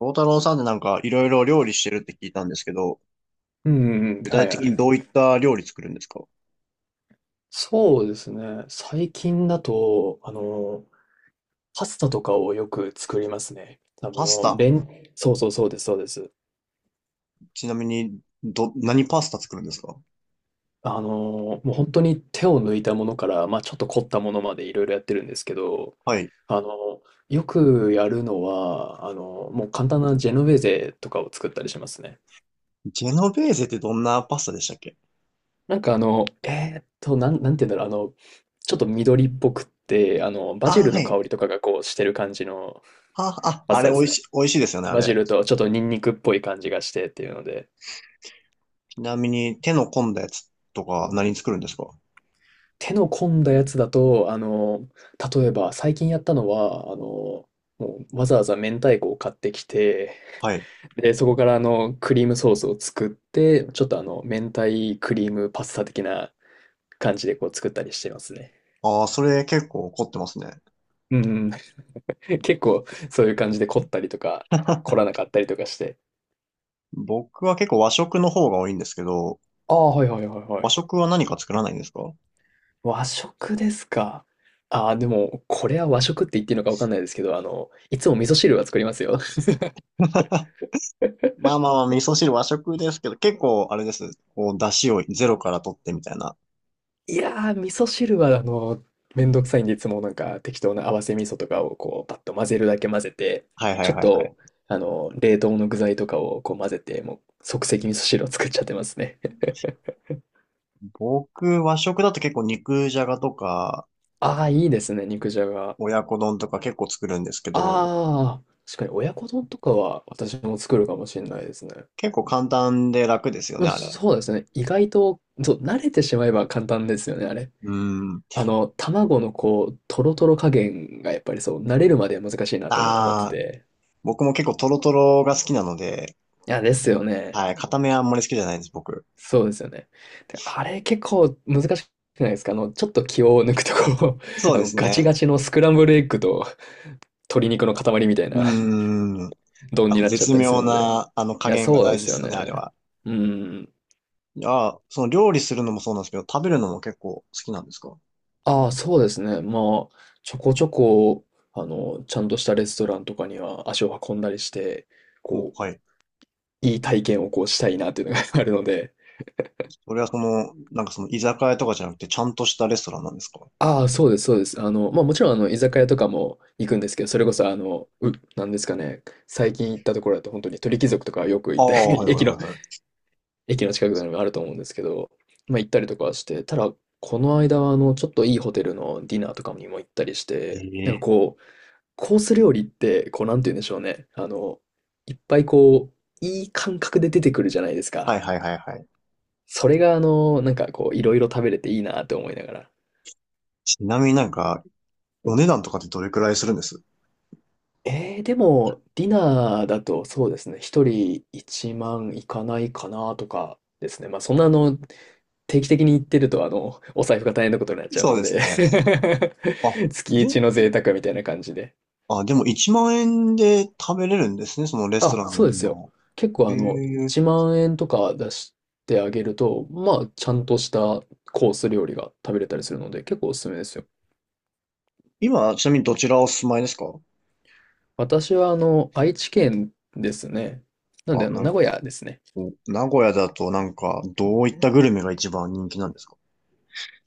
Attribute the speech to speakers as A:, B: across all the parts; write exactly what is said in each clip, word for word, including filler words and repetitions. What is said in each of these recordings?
A: 大太郎さんでなんかいろいろ料理してるって聞いたんですけど、
B: うんうん、
A: 具体
B: は
A: は
B: い
A: 的
B: は
A: い
B: い。
A: にどういった料理作るんですか？
B: そうですね。最近だと、あの、パスタとかをよく作りますね。あ
A: パス
B: の、
A: タ。
B: レン、そうそうそうです、そうです。
A: ちなみに、ど、何パスタ作るんですか？
B: あの、もう本当に手を抜いたものから、まあちょっと凝ったものまでいろいろやってるんですけど、
A: はい。
B: あの、よくやるのは、あの、もう簡単なジェノベーゼとかを作ったりしますね。
A: ジェノベーゼってどんなパスタでしたっけ？
B: なんかあの、えーっと、なん、なんて言うんだろう、あの、ちょっと緑っぽくって、あの、バジ
A: あ、
B: ル
A: は
B: の
A: い。
B: 香りとかがこうしてる感じの
A: あ、あ、
B: パ
A: あ
B: スタ
A: れ
B: で
A: 美
B: す
A: 味
B: ね。
A: し、美味しいですよね、あ
B: バジ
A: れ。
B: ルとちょっとニンニクっぽい感じがしてっていうので。
A: ちなみに手の込んだやつとか何作るんですか？
B: 手の込んだやつだと、あの、例えば最近やったのは、あの、もうわざわざ明太子を買ってきて、
A: はい。
B: で、そこからあの、クリームソースを作って、ちょっとあの、明太クリームパスタ的な感じでこう作ったりしてますね。
A: ああ、それ結構凝ってますね。
B: うんうん。結構そういう感じで凝ったりとか、凝 らなかったりとかして。
A: 僕は結構和食の方が多いんですけど、
B: ああ、はいはいはいは
A: 和
B: い。
A: 食は何か作らないんですか？
B: 和食ですか。ああ、でも、これは和食って言っていいのかわかんないですけど、あの、いつも味噌汁は作りますよ。
A: まあまあまあ、味噌汁和食ですけど、結構あれです。こう、出汁をゼロから取ってみたいな。
B: いやー、味噌汁は、あの、めんどくさいんで、いつもなんか適当な合わせ味噌とかをこう、パッと混ぜるだけ混ぜて、
A: はいは
B: ちょ
A: い
B: っ
A: はいは
B: と、
A: い。
B: あの、冷凍の具材とかをこう混ぜて、もう即席味噌汁を作っちゃってますね。
A: 僕、和食だと結構肉じゃがとか、
B: ああ、いいですね、肉じゃが。
A: 親子丼とか結構作るんですけど、
B: ああ、確かに親子丼とかは私も作るかもしれないですね。
A: 結構簡単で楽ですよ
B: ま
A: ね、
B: あ、
A: あれ。
B: そうですね。意外と、そう、慣れてしまえば簡単ですよね、あれ。
A: うん。
B: あの、卵のこう、トロトロ加減がやっぱりそう、慣れるまでは難しいなと思って
A: ああ、
B: て。
A: 僕も結構トロトロが好きなので、
B: いや、ですよね。
A: はい、硬めはあんまり好きじゃないです、僕。
B: そうですよね。で、あれ結構難しくないですか？あの、ちょっと気を抜くとこう、
A: そ う
B: あ
A: で
B: の、
A: す
B: ガチ
A: ね。
B: ガチのスクランブルエッグと鶏肉の塊みたい
A: う
B: な
A: ーん。
B: 丼
A: あ
B: に
A: の、
B: なっちゃっ
A: 絶
B: たりす
A: 妙
B: るので。
A: な、あの、加
B: いや、
A: 減が
B: そうで
A: 大事で
B: すよ
A: すよね、あれ
B: ね。
A: は。
B: うん。
A: いや、その料理するのもそうなんですけど、食べるのも結構好きなんですか？
B: ああ、そうですね。まあ、ちょこちょこ、あの、ちゃんとしたレストランとかには足を運んだりして、
A: お、
B: こ
A: はい。
B: う、いい体験をこうしたいなっていうのが あるので。
A: それはその、なんかその居酒屋とかじゃなくて、ちゃんとしたレストランなんですか？
B: ああ、そうです、そうです。あの、まあもちろん、あの、居酒屋とかも行くんですけど、それこそ、あの、う、なんですかね、最近行ったところだと、本当に鳥貴族とかよく
A: あ
B: 行った
A: あ、
B: り、
A: はい はい
B: 駅
A: は
B: の、
A: いは
B: 駅の近くにあると思うんですけど、まあ行ったりとかはして、ただ、この間は、あの、ちょっといいホテルのディナーとかにも行ったりして、なん
A: い。
B: か
A: ええ、
B: こう、コース料理って、こう、なんて言うんでしょうね、あの、いっぱいこう、いい感覚で出てくるじゃないです
A: はい
B: か。
A: はいはいはい。
B: それが、あの、なんかこう、いろいろ食べれていいなって思いながら。
A: ちなみになんか、お値段とかってどれくらいするんです？
B: えー、でも、ディナーだとそうですね、一人いちまんいかないかなとかですね。まあ、そんなあの、定期的に行ってると、あの、お財布が大変なことになっちゃう
A: そう
B: の
A: です
B: で
A: ね。あ、
B: 月
A: で、
B: 一の贅沢みたいな感じで。
A: あ、でもいちまん円で食べれるんですね、そのレスト
B: あ、
A: ランの
B: そうで
A: ディ
B: す
A: ナ
B: よ。
A: ー。
B: 結構あの、
A: ええ。
B: いちまんえん円とか出してあげると、まあ、ちゃんとしたコース料理が食べれたりするので、結構おすすめですよ。
A: 今、ちなみにどちらお住まいですか？
B: 私はあの、愛知県ですね。なんで
A: あ、
B: あの、
A: な
B: 名
A: んか、
B: 古屋ですね。
A: 名古屋だとなんか、どういったグルメが一番人気なんですか？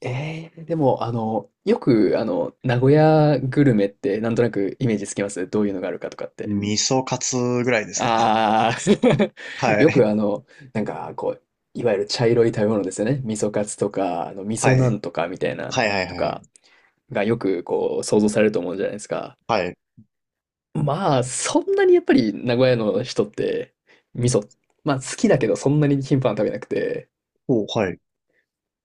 B: ええでも、あの、よく、あの、名古屋グルメって、なんとなくイメージつきますどういうのがあるかとかって。
A: 味噌カツぐらいですかね。
B: ああ、
A: は
B: よく、
A: い。
B: あの、なんか、こう、いわゆる茶色い食べ物ですよね。味噌カツとか、あの、味
A: はい。
B: 噌なんとかみたいな、
A: はいはい
B: と
A: はい
B: か、がよく、こう、想像されると思うじゃないですか。
A: はい。
B: まあ、そんなにやっぱり、名古屋の人って、味噌、まあ、好きだけど、そんなに頻繁に食べなくて、
A: お、はい。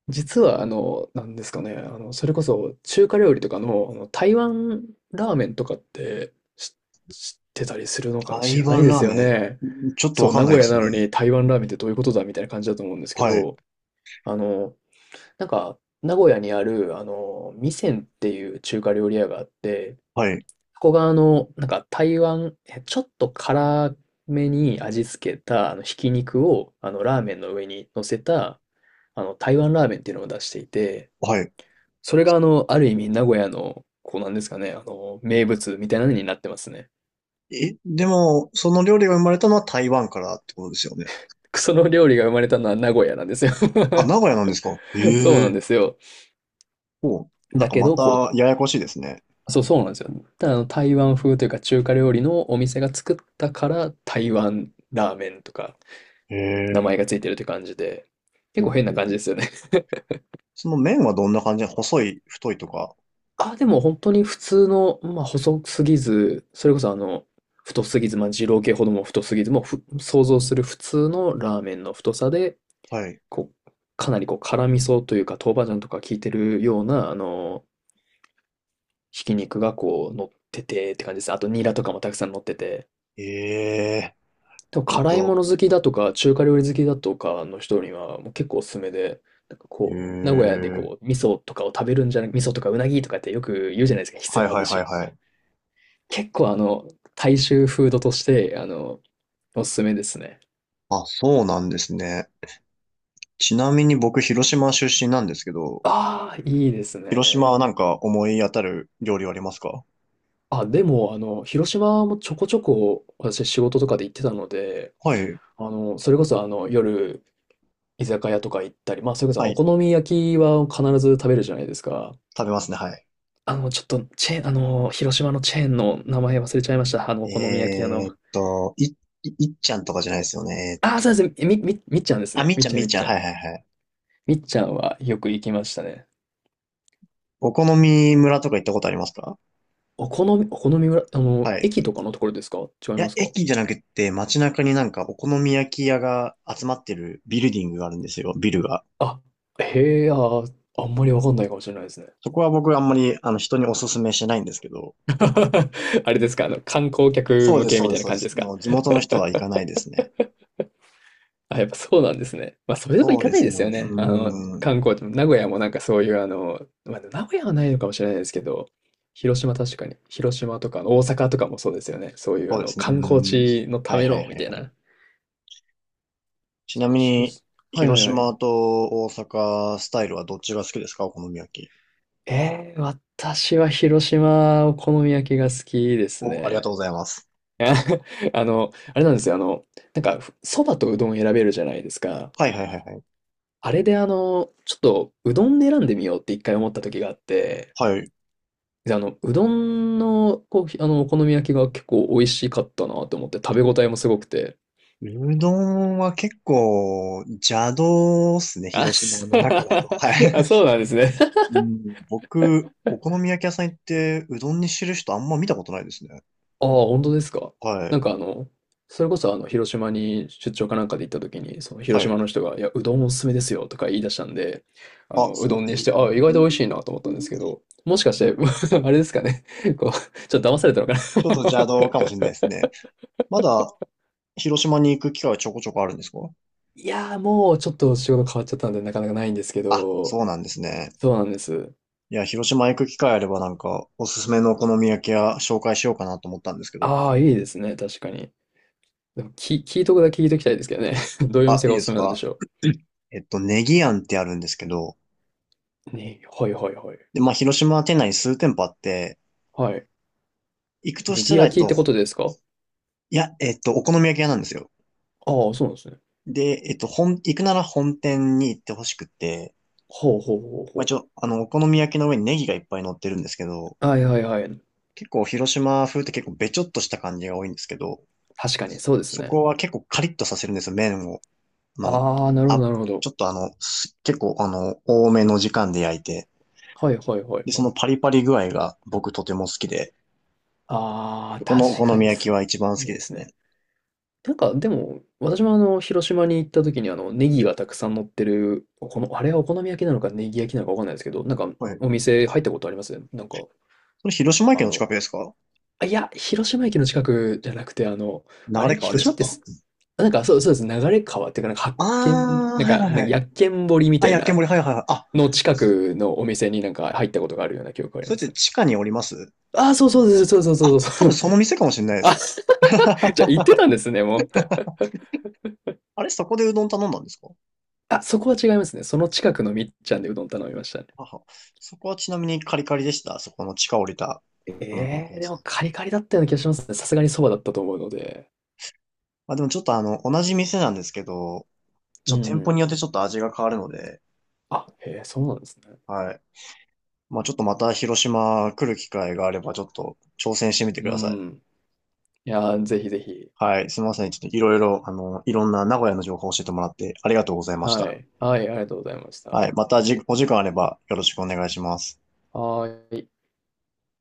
B: 実は、あの、なんですかね、あの、それこそ中華料理とかの、あの、台湾ラーメンとかってし知ってたりするのか知
A: 台
B: らない
A: 湾
B: で
A: ラー
B: すよ
A: メ
B: ね。
A: ン、ちょっと
B: そ
A: わ
B: う、
A: かん
B: 名
A: ない
B: 古
A: で
B: 屋
A: す
B: な
A: ね。
B: のに台湾ラーメンってどういうことだみたいな感じだと思うんですけ
A: はい、
B: ど、あの、なんか、名古屋にある、あの、味仙っていう中華料理屋があって、
A: はい、
B: そこがあの、なんか台湾、えちょっと辛めに味付けた、あの、ひき肉を、あの、ラーメンの上に乗せた、あの、台湾ラーメンっていうのを出していて、
A: はい。
B: それがあの、ある意味名古屋の、こうなんですかね、あの、名物みたいなのになってますね。
A: え、でも、その料理が生まれたのは台湾からってことですよね。
B: その料理が生まれたのは名古屋なんですよ。
A: あ、名古屋なんですか？
B: そうな
A: え
B: ん
A: え。
B: ですよ。
A: お、なん
B: だ
A: か
B: け
A: ま
B: ど、こ
A: たややこしいですね。
B: う、そう、そうなんですよ。ただあの、台湾風というか中華料理のお店が作ったから、台湾ラーメンとか、名
A: え
B: 前が
A: え。
B: ついてるって感じで、結
A: ほ
B: 構
A: う
B: 変な
A: ほう
B: 感
A: ほ
B: じ
A: う。
B: ですよね。
A: その麺はどんな感じなの？細い、太いとか。
B: あ、でも本当に普通の、まあ、細すぎず、それこそあの、太すぎず、まあ、二郎系ほども太すぎず、もうふ想像する普通のラーメンの太さで、
A: はい。
B: こう、かなりこう辛味噌というか、豆板醤とか効いてるような、あの、ひき肉がこう乗っててって感じです。あとニラとかもたくさん乗ってて。
A: ええ、
B: でも
A: ちょっ
B: 辛いも
A: と、
B: の好きだとか、中華料理好きだとかの人にはもう結構おすすめで、なんか
A: え
B: こう、名古屋で
A: え、
B: こう、味噌とかを食べるんじゃなく、味噌とかうなぎとかってよく言うじゃないですか、ひつ
A: はい
B: ま
A: は
B: ぶ
A: いは
B: し
A: い
B: と
A: は
B: か。
A: い。
B: 結構あの、大衆フードとして、あの、おすすめですね。
A: あ、そうなんですね。ちなみに僕、広島出身なんですけど、
B: ああ、いいです
A: 広島
B: ね。
A: はなんか思い当たる料理はありますか？
B: あ、でも、あの、広島もちょこちょこ私仕事とかで行ってたので、
A: はい。
B: あの、それこそあの、夜、居酒屋とか行ったり、まあ、それこそ
A: は
B: お
A: い。
B: 好み焼きは必ず食べるじゃないですか。
A: 食べますね。は
B: あの、ちょっと、チェーン、あの、広島のチェーンの名前忘れちゃいました。あの、お
A: い。
B: 好み焼き屋
A: え
B: の。
A: ーっと、い、いいっちゃんとかじゃないですよね。え
B: ああ、
A: ーっ
B: そう
A: と。
B: です。み、み、みっちゃんです
A: あ、
B: ね。
A: みっ
B: み
A: ち
B: っ
A: ゃん、
B: ちゃ
A: み
B: ん、
A: っ
B: みっ
A: ちゃ
B: ち
A: ん。
B: ゃ
A: は
B: ん。
A: いはいはい。
B: みっちゃんはよく行きましたね。
A: お好み村とか行ったことありますか？
B: お好み、お好み村、あの、
A: はい。
B: 駅とかのところですか？違い
A: い
B: ま
A: や、
B: すか？
A: 駅じゃなくて街中になんかお好み焼き屋が集まってるビルディングがあるんですよ。ビルが。
B: あ、へえ、あー、あんまりわかんないかもしれないですね。
A: そこは僕あんまりあの人にお勧めしないんですけど。
B: あれですか？あの、観光客
A: そう
B: 向
A: です、
B: け
A: そ
B: み
A: う
B: た
A: で
B: い
A: す、
B: な
A: そうで
B: 感じで
A: す。
B: すか？
A: もう地元の人は行かないですね。
B: あ、やっぱそうなんですね。まあ、そういうとこ
A: そ
B: 行
A: う
B: か
A: で
B: ない
A: す
B: で
A: ね。
B: す
A: う
B: よね。あの、
A: ーん。
B: 観光地も、名古屋もなんかそういう、あの、まあ、名古屋はないのかもしれないですけど、広島確かに、広島とか大阪とかもそうですよね。そういう、
A: そ
B: あ
A: うで
B: の、
A: すね。う
B: 観光
A: ーん。
B: 地のた
A: はい
B: め
A: はいは
B: の、み
A: い
B: たい
A: はい。
B: な。
A: ち
B: そ
A: な
B: っ
A: み
B: か、広
A: に、
B: 島。はいは
A: 広
B: いはい。
A: 島と大阪スタイルはどっちが好きですか？お好み焼き。
B: えー、私は広島お好み焼きが好きです
A: お、ありがとう
B: ね。
A: ございます。
B: あ。 あの、あれなんですよ。あの、なんか、ふそばとうどん選べるじゃないですか。
A: はいはいはいはい。
B: あれであの、ちょっとうどんで選んでみようって一回思った時があって、
A: はい。
B: で、あの、うどんの、こう、あの、お好み焼きが結構美味しかったなと思って、食べ応えもすごくて、
A: うどんは結構邪道っすね、
B: あ、
A: 広島
B: そ。
A: の中 だと。はい。
B: あ、そうなんですね。
A: うん、僕、お好み焼き屋さん行ってうどんにしてる人あんま見たことないですね。
B: ああ、本当ですか。
A: は
B: な
A: い。
B: んかあの、それこそあの、広島に出張かなんかで行った時に、その広
A: は
B: 島
A: い。
B: の人が、いや、うどんおすすめですよとか言い出したんで、あ
A: あ、
B: の、う
A: そ
B: ど
A: う、
B: ん
A: え、
B: にして、ああ、意外と美味しいなと思ったんですけど、もしかして、あれですかね。こう、ちょっと騙されたのか
A: ちょっと邪
B: な。
A: 道かもしれないですね。まだ広島に行く機会はちょこちょこあるんですか？
B: いやー、もうちょっと仕事変わっちゃったんで、なかなかないんですけ
A: あ、そ
B: ど、
A: うなんですね。
B: そうなんです。
A: いや、広島行く機会あればなんか、おすすめのお好み焼き屋紹介しようかなと思ったんですけど。
B: ああ、いいですね、確かに。でも、き、聞いとくだけ聞いときたいですけどね。どういうお
A: あ、
B: 店
A: いい
B: がお
A: で
B: す
A: す
B: すめなんでし
A: か？
B: ょ
A: えっと、ネギ庵ってあるんですけど、
B: う。ね、はいはいはい。
A: で、まあ、広島店内に数店舗あって、
B: はい。
A: 行くと
B: ネ
A: し
B: ギ
A: たら、え
B: 焼
A: っ
B: きっ
A: と、
B: てことですか？
A: いや、えっと、お好み焼き屋なんですよ。
B: ああ、そうなんですね。
A: で、えっと、本、行くなら本店に行ってほしくて、
B: ほうほうほう
A: まあ、一
B: ほ
A: 応、あの、お好み焼きの上にネギがいっぱい乗ってるんですけど、
B: う。はいはいはい。
A: 結構広島風って結構べちょっとした感じが多いんですけど、
B: 確かに、そうです
A: そ
B: ね。
A: こは結構カリッとさせるんですよ、麺を。あの、
B: ああ、なるほど
A: あ、
B: なるほ
A: ち
B: ど。
A: ょっとあの、す結構あの、多めの時間で焼いて、
B: はいはいはい
A: で、そ
B: は
A: の
B: い。
A: パリパリ具合が僕とても好きで、
B: ああ、
A: このお
B: 確
A: 好
B: か
A: み
B: に
A: 焼き
B: そ
A: は一番好
B: う。い
A: き
B: いで
A: です
B: すね。
A: ね。
B: なんか、でも、私もあの、広島に行った時にあの、ネギがたくさん乗ってる、この、あれはお好み焼きなのかネギ焼きなのかわかんないですけど、なんか、
A: はい。
B: お店入ったことあります？なんか、
A: それ広島
B: あ
A: 県の近
B: の、
A: くですか？
B: あ、いや、広島駅の近くじゃなくて、あの、あ
A: 流
B: れ
A: 川で
B: 広
A: す
B: 島って
A: か？
B: す、あなんかそう、そうです。流れ川っていうか、なんか発
A: あ
B: 見、
A: あー、
B: なん
A: はい
B: か、な
A: はい
B: ん
A: は
B: か
A: い。
B: 薬研堀み
A: あ、
B: たい
A: 焼き
B: な
A: 森、はいはいはい。あ、
B: の近くのお店になんか入ったことがあるような記憶があり
A: それ
B: ま
A: って
B: すね。
A: 地下におります？
B: ああ、そうそうです。そうそうそう
A: あ、
B: そ
A: 多
B: うそ
A: 分
B: う。
A: その店かもしれない で
B: あ、
A: す。
B: じゃあ行ってたん ですね、もう。
A: あれ、そこでうどん頼んだんですか？
B: あ、そこは違いますね。その近くのみっちゃんでうどん頼みましたね。
A: はは。そこはちなみにカリカリでした？そこの地下降りたお好み焼
B: え
A: き
B: え
A: 屋
B: で
A: さ
B: も
A: ん。
B: カリカリだったような気がしますね。さすがにそばだったと思うので。
A: まあでもちょっとあの、同じ店なんですけど、ち
B: う
A: ょっと店舗によって
B: ん。
A: ちょっと味が変わるので、
B: あ、へえ、そうなんですね。
A: はい。まあちょっとまた広島来る機会があればちょっと挑戦してみてく
B: う
A: ださい。
B: ん。いやー、ぜひぜひ。
A: はい。すみません。ちょっといろいろ、あの、いろんな名古屋の情報を教えてもらってありがとうございまし
B: は
A: た。
B: い。はい、ありがとうございました。
A: は
B: は
A: い。またじ、お時間あればよろしくお願いします。
B: ーい。